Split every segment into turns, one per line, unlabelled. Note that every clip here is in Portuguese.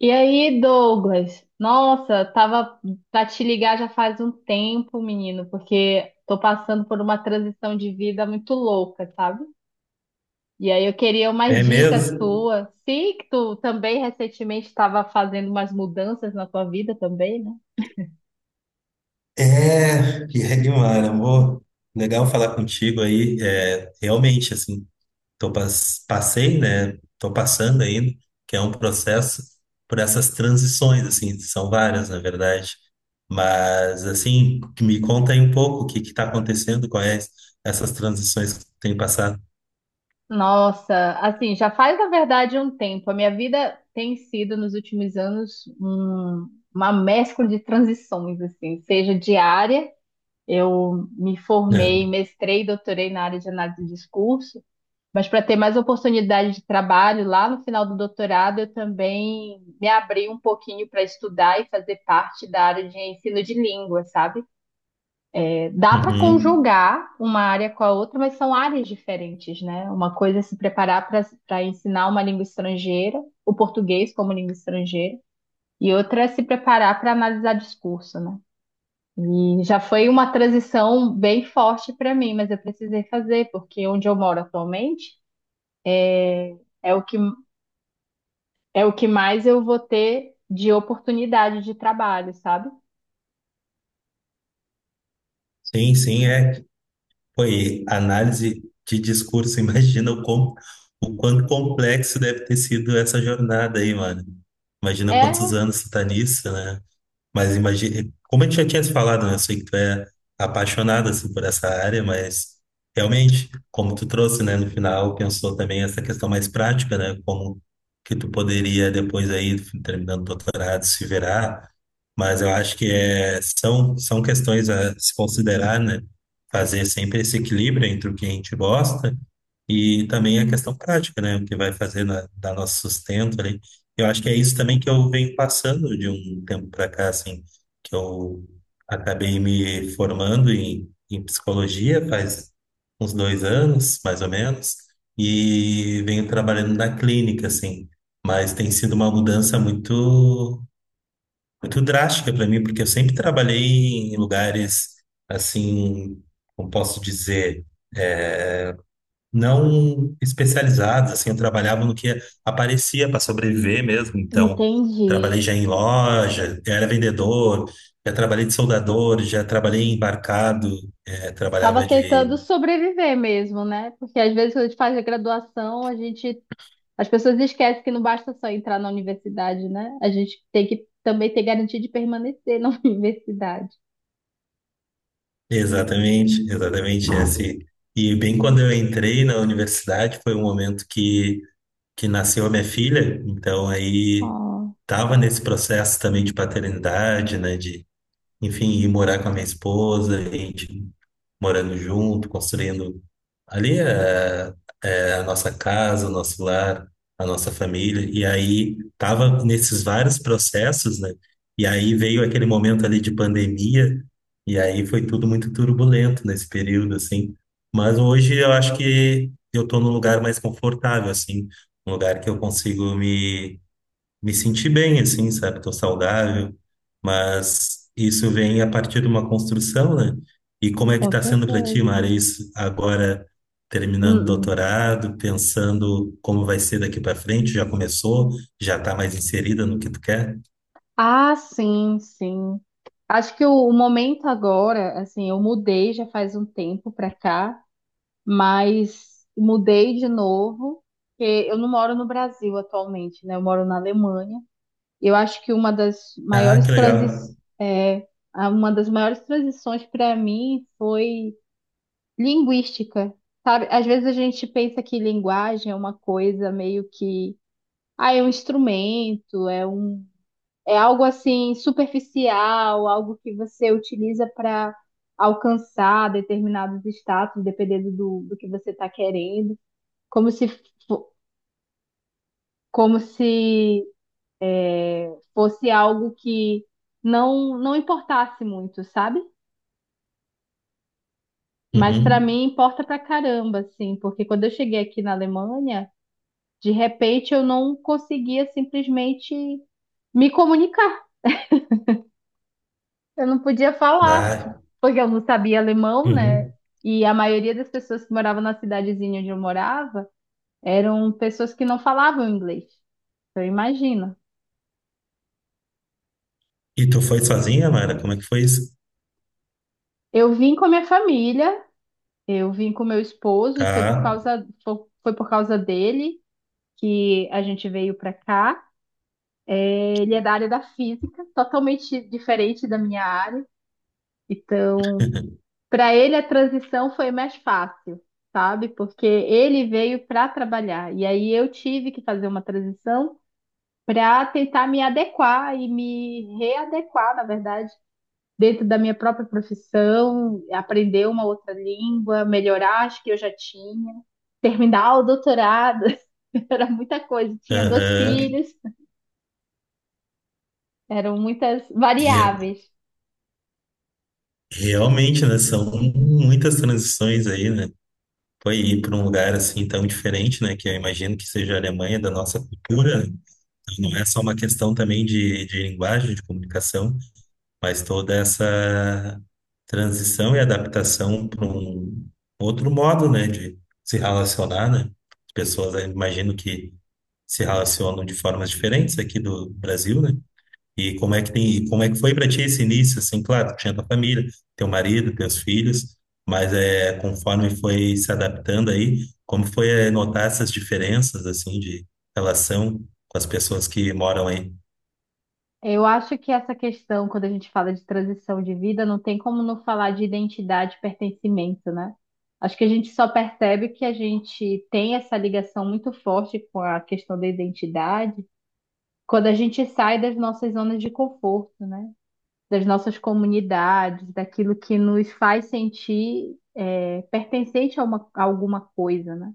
E aí, Douglas? Nossa, tava pra te ligar já faz um tempo, menino, porque tô passando por uma transição de vida muito louca, sabe? E aí eu queria
É
umas dicas
mesmo?
tuas. Sei que tu também recentemente estava fazendo umas mudanças na tua vida também, né?
É, e é demais, amor. Legal falar contigo aí. É, realmente, assim, passei, né? Tô passando ainda, que é um processo por essas transições, assim, são várias, na verdade. Mas, assim, me conta aí um pouco o que que tá acontecendo, quais essas transições que tem passado.
Nossa, assim, já faz na verdade um tempo. A minha vida tem sido nos últimos anos uma mescla de transições, assim, seja diária. Eu me
É.
formei, mestrei e doutorei na área de análise de discurso, mas para ter mais oportunidade de trabalho lá no final do doutorado, eu também me abri um pouquinho para estudar e fazer parte da área de ensino de língua, sabe? É, dá para
Uhum.
conjugar uma área com a outra, mas são áreas diferentes, né? Uma coisa é se preparar para ensinar uma língua estrangeira, o português como língua estrangeira, e outra é se preparar para analisar discurso, né? E já foi uma transição bem forte para mim, mas eu precisei fazer, porque onde eu moro atualmente é o que, é o que mais eu vou ter de oportunidade de trabalho, sabe?
Sim, sim, é. Foi análise de discurso, imagina o quanto complexo deve ter sido essa jornada aí, mano. Imagina quantos
É,
anos tu tá nisso, né? Mas imagina, como a gente já tinha se falado, né? Eu sei que tu é apaixonada assim, por essa área, mas realmente, como tu trouxe, né, no final, pensou também essa questão mais prática, né? Como que tu poderia depois aí, terminando o doutorado, se virar. Mas eu acho que são questões a se considerar, né? Fazer sempre esse equilíbrio entre o que a gente gosta e também a questão prática, né? O que vai fazer dar nosso sustento ali. Eu acho que é isso também que eu venho passando de um tempo para cá, assim, que eu acabei me formando em psicologia faz uns 2 anos, mais ou menos, e venho trabalhando na clínica, assim. Mas tem sido uma mudança muito drástica para mim, porque eu sempre trabalhei em lugares, assim, como posso dizer, eh, não especializadas assim, eu trabalhava no que aparecia para sobreviver mesmo, então trabalhei
entendi.
já em loja, era vendedor, já trabalhei de soldador, já trabalhei em embarcado,
Tava
trabalhava de...
tentando sobreviver mesmo, né? Porque às vezes quando a gente faz a graduação, as pessoas esquecem que não basta só entrar na universidade, né? A gente tem que também ter garantia de permanecer na universidade.
Exatamente, exatamente esse. E bem quando eu entrei na universidade, foi um momento que nasceu a minha filha, então aí
Oh,
tava nesse processo também de paternidade, né, de, enfim, ir morar com a minha esposa, a gente morando junto, construindo ali é, é a nossa casa, o nosso lar, a nossa família. E aí tava nesses vários processos, né? E aí veio aquele momento ali de pandemia, e aí foi tudo muito turbulento nesse período, assim. Mas hoje eu acho que eu tô num lugar mais confortável, assim, um lugar que eu consigo me senti bem, assim, sabe? Tô saudável, mas isso vem a partir de uma construção, né? E como é que
com
tá sendo para ti,
certeza.
Mara, isso agora
Hum,
terminando o
hum.
doutorado, pensando como vai ser daqui para frente? Já começou? Já tá mais inserida no que tu quer?
Ah, sim, sim. Acho que o momento agora, assim, eu mudei já faz um tempo pra cá, mas mudei de novo, porque eu não moro no Brasil atualmente, né? Eu moro na Alemanha. Eu acho que uma das
Ah,
maiores
que legal.
uma das maiores transições para mim foi linguística. Sabe? Às vezes a gente pensa que linguagem é uma coisa meio que, ah, é um instrumento, é algo assim superficial, algo que você utiliza para alcançar determinados status, dependendo do que você está querendo, como se, fo- como se fosse algo que não não importasse muito, sabe? Mas para
Uhum.
mim importa pra caramba, assim, porque quando eu cheguei aqui na Alemanha, de repente eu não conseguia simplesmente me comunicar. Eu não podia falar,
Vai.
porque eu não sabia alemão, né?
Uhum.
E a maioria das pessoas que moravam na cidadezinha onde eu morava eram pessoas que não falavam inglês. Então, imagina.
E tu foi sozinha, Mara? Como é que foi isso?
Eu vim com a minha família, eu vim com meu esposo, e foi
Tá.
foi por causa dele que a gente veio para cá. É, ele é da área da física, totalmente diferente da minha área. Então, para ele a transição foi mais fácil, sabe? Porque ele veio para trabalhar e aí eu tive que fazer uma transição para tentar me adequar e me readequar, na verdade, dentro da minha própria profissão, aprender uma outra língua, melhorar as que eu já tinha, terminar o doutorado. Era muita coisa, tinha dois
Aham.
filhos, eram muitas
Re-
variáveis.
Realmente, né? São muitas transições aí, né? Foi ir para um lugar assim tão diferente, né? Que eu imagino que seja a Alemanha da nossa cultura, né? Então, não é só uma questão também de linguagem, de comunicação, mas toda essa transição e adaptação para um outro modo, né? De se relacionar, né? As pessoas, eu imagino que se relacionam de formas diferentes aqui do Brasil, né? E como é que tem, e como é que foi para ti esse início? Assim, claro, tu tinha tua família, teu marido, teus filhos, mas é conforme foi se adaptando aí, como foi é, notar essas diferenças assim de relação com as pessoas que moram aí?
Eu acho que essa questão, quando a gente fala de transição de vida, não tem como não falar de identidade e pertencimento, né? Acho que a gente só percebe que a gente tem essa ligação muito forte com a questão da identidade quando a gente sai das nossas zonas de conforto, né? Das nossas comunidades, daquilo que nos faz sentir é, pertencente a alguma coisa, né?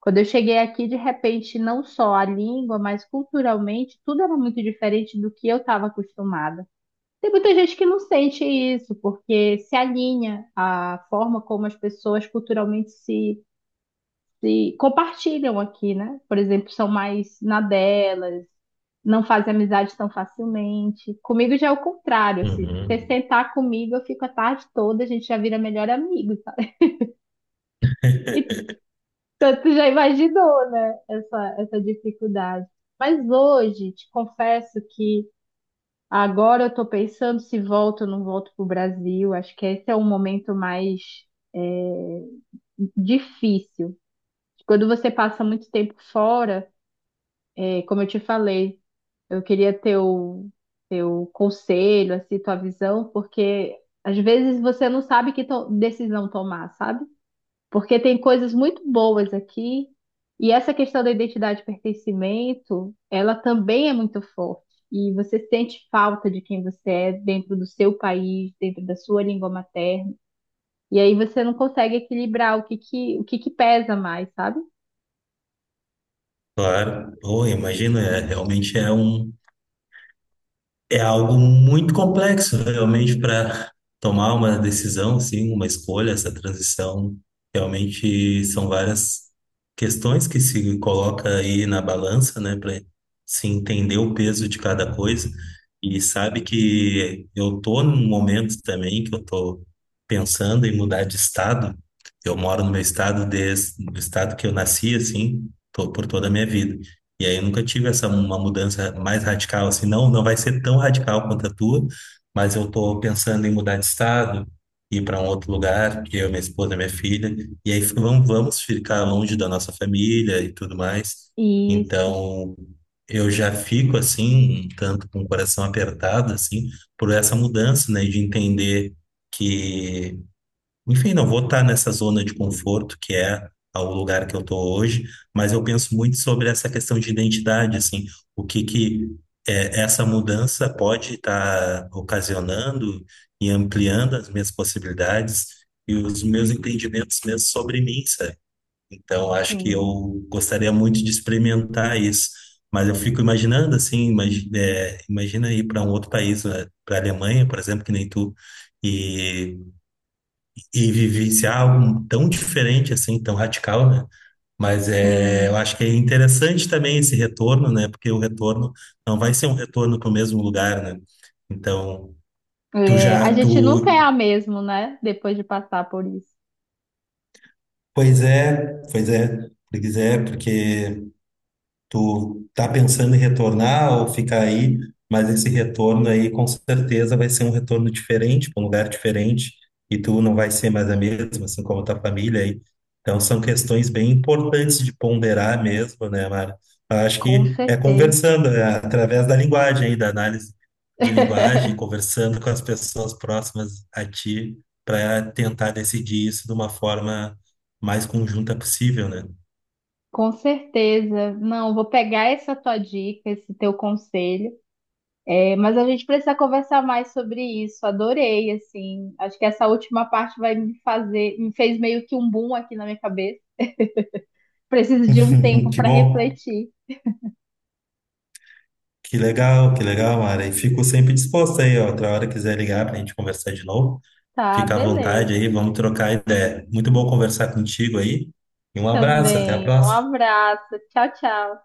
Quando eu cheguei aqui, de repente, não só a língua, mas culturalmente, tudo era muito diferente do que eu estava acostumada. Tem muita gente que não sente isso, porque se alinha à forma como as pessoas culturalmente se, se compartilham aqui, né? Por exemplo, são mais na delas, não fazem amizade tão facilmente. Comigo já é o contrário, assim, se você
Uhum.
sentar comigo, eu fico a tarde toda, a gente já vira melhor amigo, sabe? Então, tu já imaginou, né, essa dificuldade. Mas hoje, te confesso que agora eu estou pensando se volto ou não volto para o Brasil. Acho que esse é o momento mais é, difícil. Quando você passa muito tempo fora, é, como eu te falei, eu queria teu conselho, assim, tua visão, porque às vezes você não sabe decisão tomar, sabe? Porque tem coisas muito boas aqui, e essa questão da identidade e pertencimento, ela também é muito forte. E você sente falta de quem você é dentro do seu país, dentro da sua língua materna. E aí você não consegue equilibrar o que que pesa mais, sabe?
Claro, pô, eu imagino, é, realmente é. É algo muito complexo, né, realmente, para tomar uma decisão, sim, uma escolha, essa transição. Realmente são várias questões que se coloca aí na balança, né, para se entender o peso de cada coisa. E sabe que eu tô num momento também que eu tô pensando em mudar de estado. Eu moro no meu estado desde o estado que eu nasci, assim, por toda a minha vida. E aí eu nunca tive essa uma mudança mais radical assim, não, não vai ser tão radical quanto a tua, mas eu tô pensando em mudar de estado, ir para um outro lugar, eu, minha esposa, minha filha, e aí vamos ficar longe da nossa família e tudo mais.
Isso,
Então, eu já fico assim, um tanto com o coração apertado assim, por essa mudança, né, de entender que enfim, não vou estar nessa zona de conforto que é o lugar que eu estou hoje, mas eu penso muito sobre essa questão de identidade, assim, o que que é, essa mudança pode estar ocasionando e ampliando as minhas possibilidades e os meus entendimentos mesmo sobre mim, sabe? Então, acho que eu
sim,
gostaria muito de experimentar isso, mas eu fico imaginando, assim, imagina ir para um outro país, para a Alemanha, por exemplo, que nem tu, e vivenciar algo tão diferente assim, tão radical, né? Mas é, eu
sim.
acho que é interessante também esse retorno, né? Porque o retorno não vai ser um retorno para o mesmo lugar, né? Então, tu
É, a
já,
gente nunca
tu,
é a mesma, né? Depois de passar por isso.
pois é, pois é, pois é, porque tu tá pensando em retornar ou ficar aí, mas esse retorno aí com certeza vai ser um retorno diferente, para um lugar diferente, e tu não vai ser mais a mesma, assim como a tua família aí. Então são questões bem importantes de ponderar mesmo, né, Mara? Eu acho
Com
que é
certeza.
conversando, é através da linguagem aí, da análise de linguagem, conversando com as pessoas próximas a ti, para tentar decidir isso de uma forma mais conjunta possível, né?
Com certeza. Não, vou pegar essa tua dica, esse teu conselho. É, mas a gente precisa conversar mais sobre isso. Adorei, assim. Acho que essa última parte vai me me fez meio que um boom aqui na minha cabeça. Preciso de um tempo
Que
para
bom.
refletir.
Que legal, Mara. E fico sempre disposto aí, ó. Outra hora quiser ligar para a gente conversar de novo,
Tá,
fica à
beleza.
vontade aí, vamos trocar ideia. Muito bom conversar contigo aí. E um abraço, até a
Também. Um
próxima.
abraço. Tchau, tchau.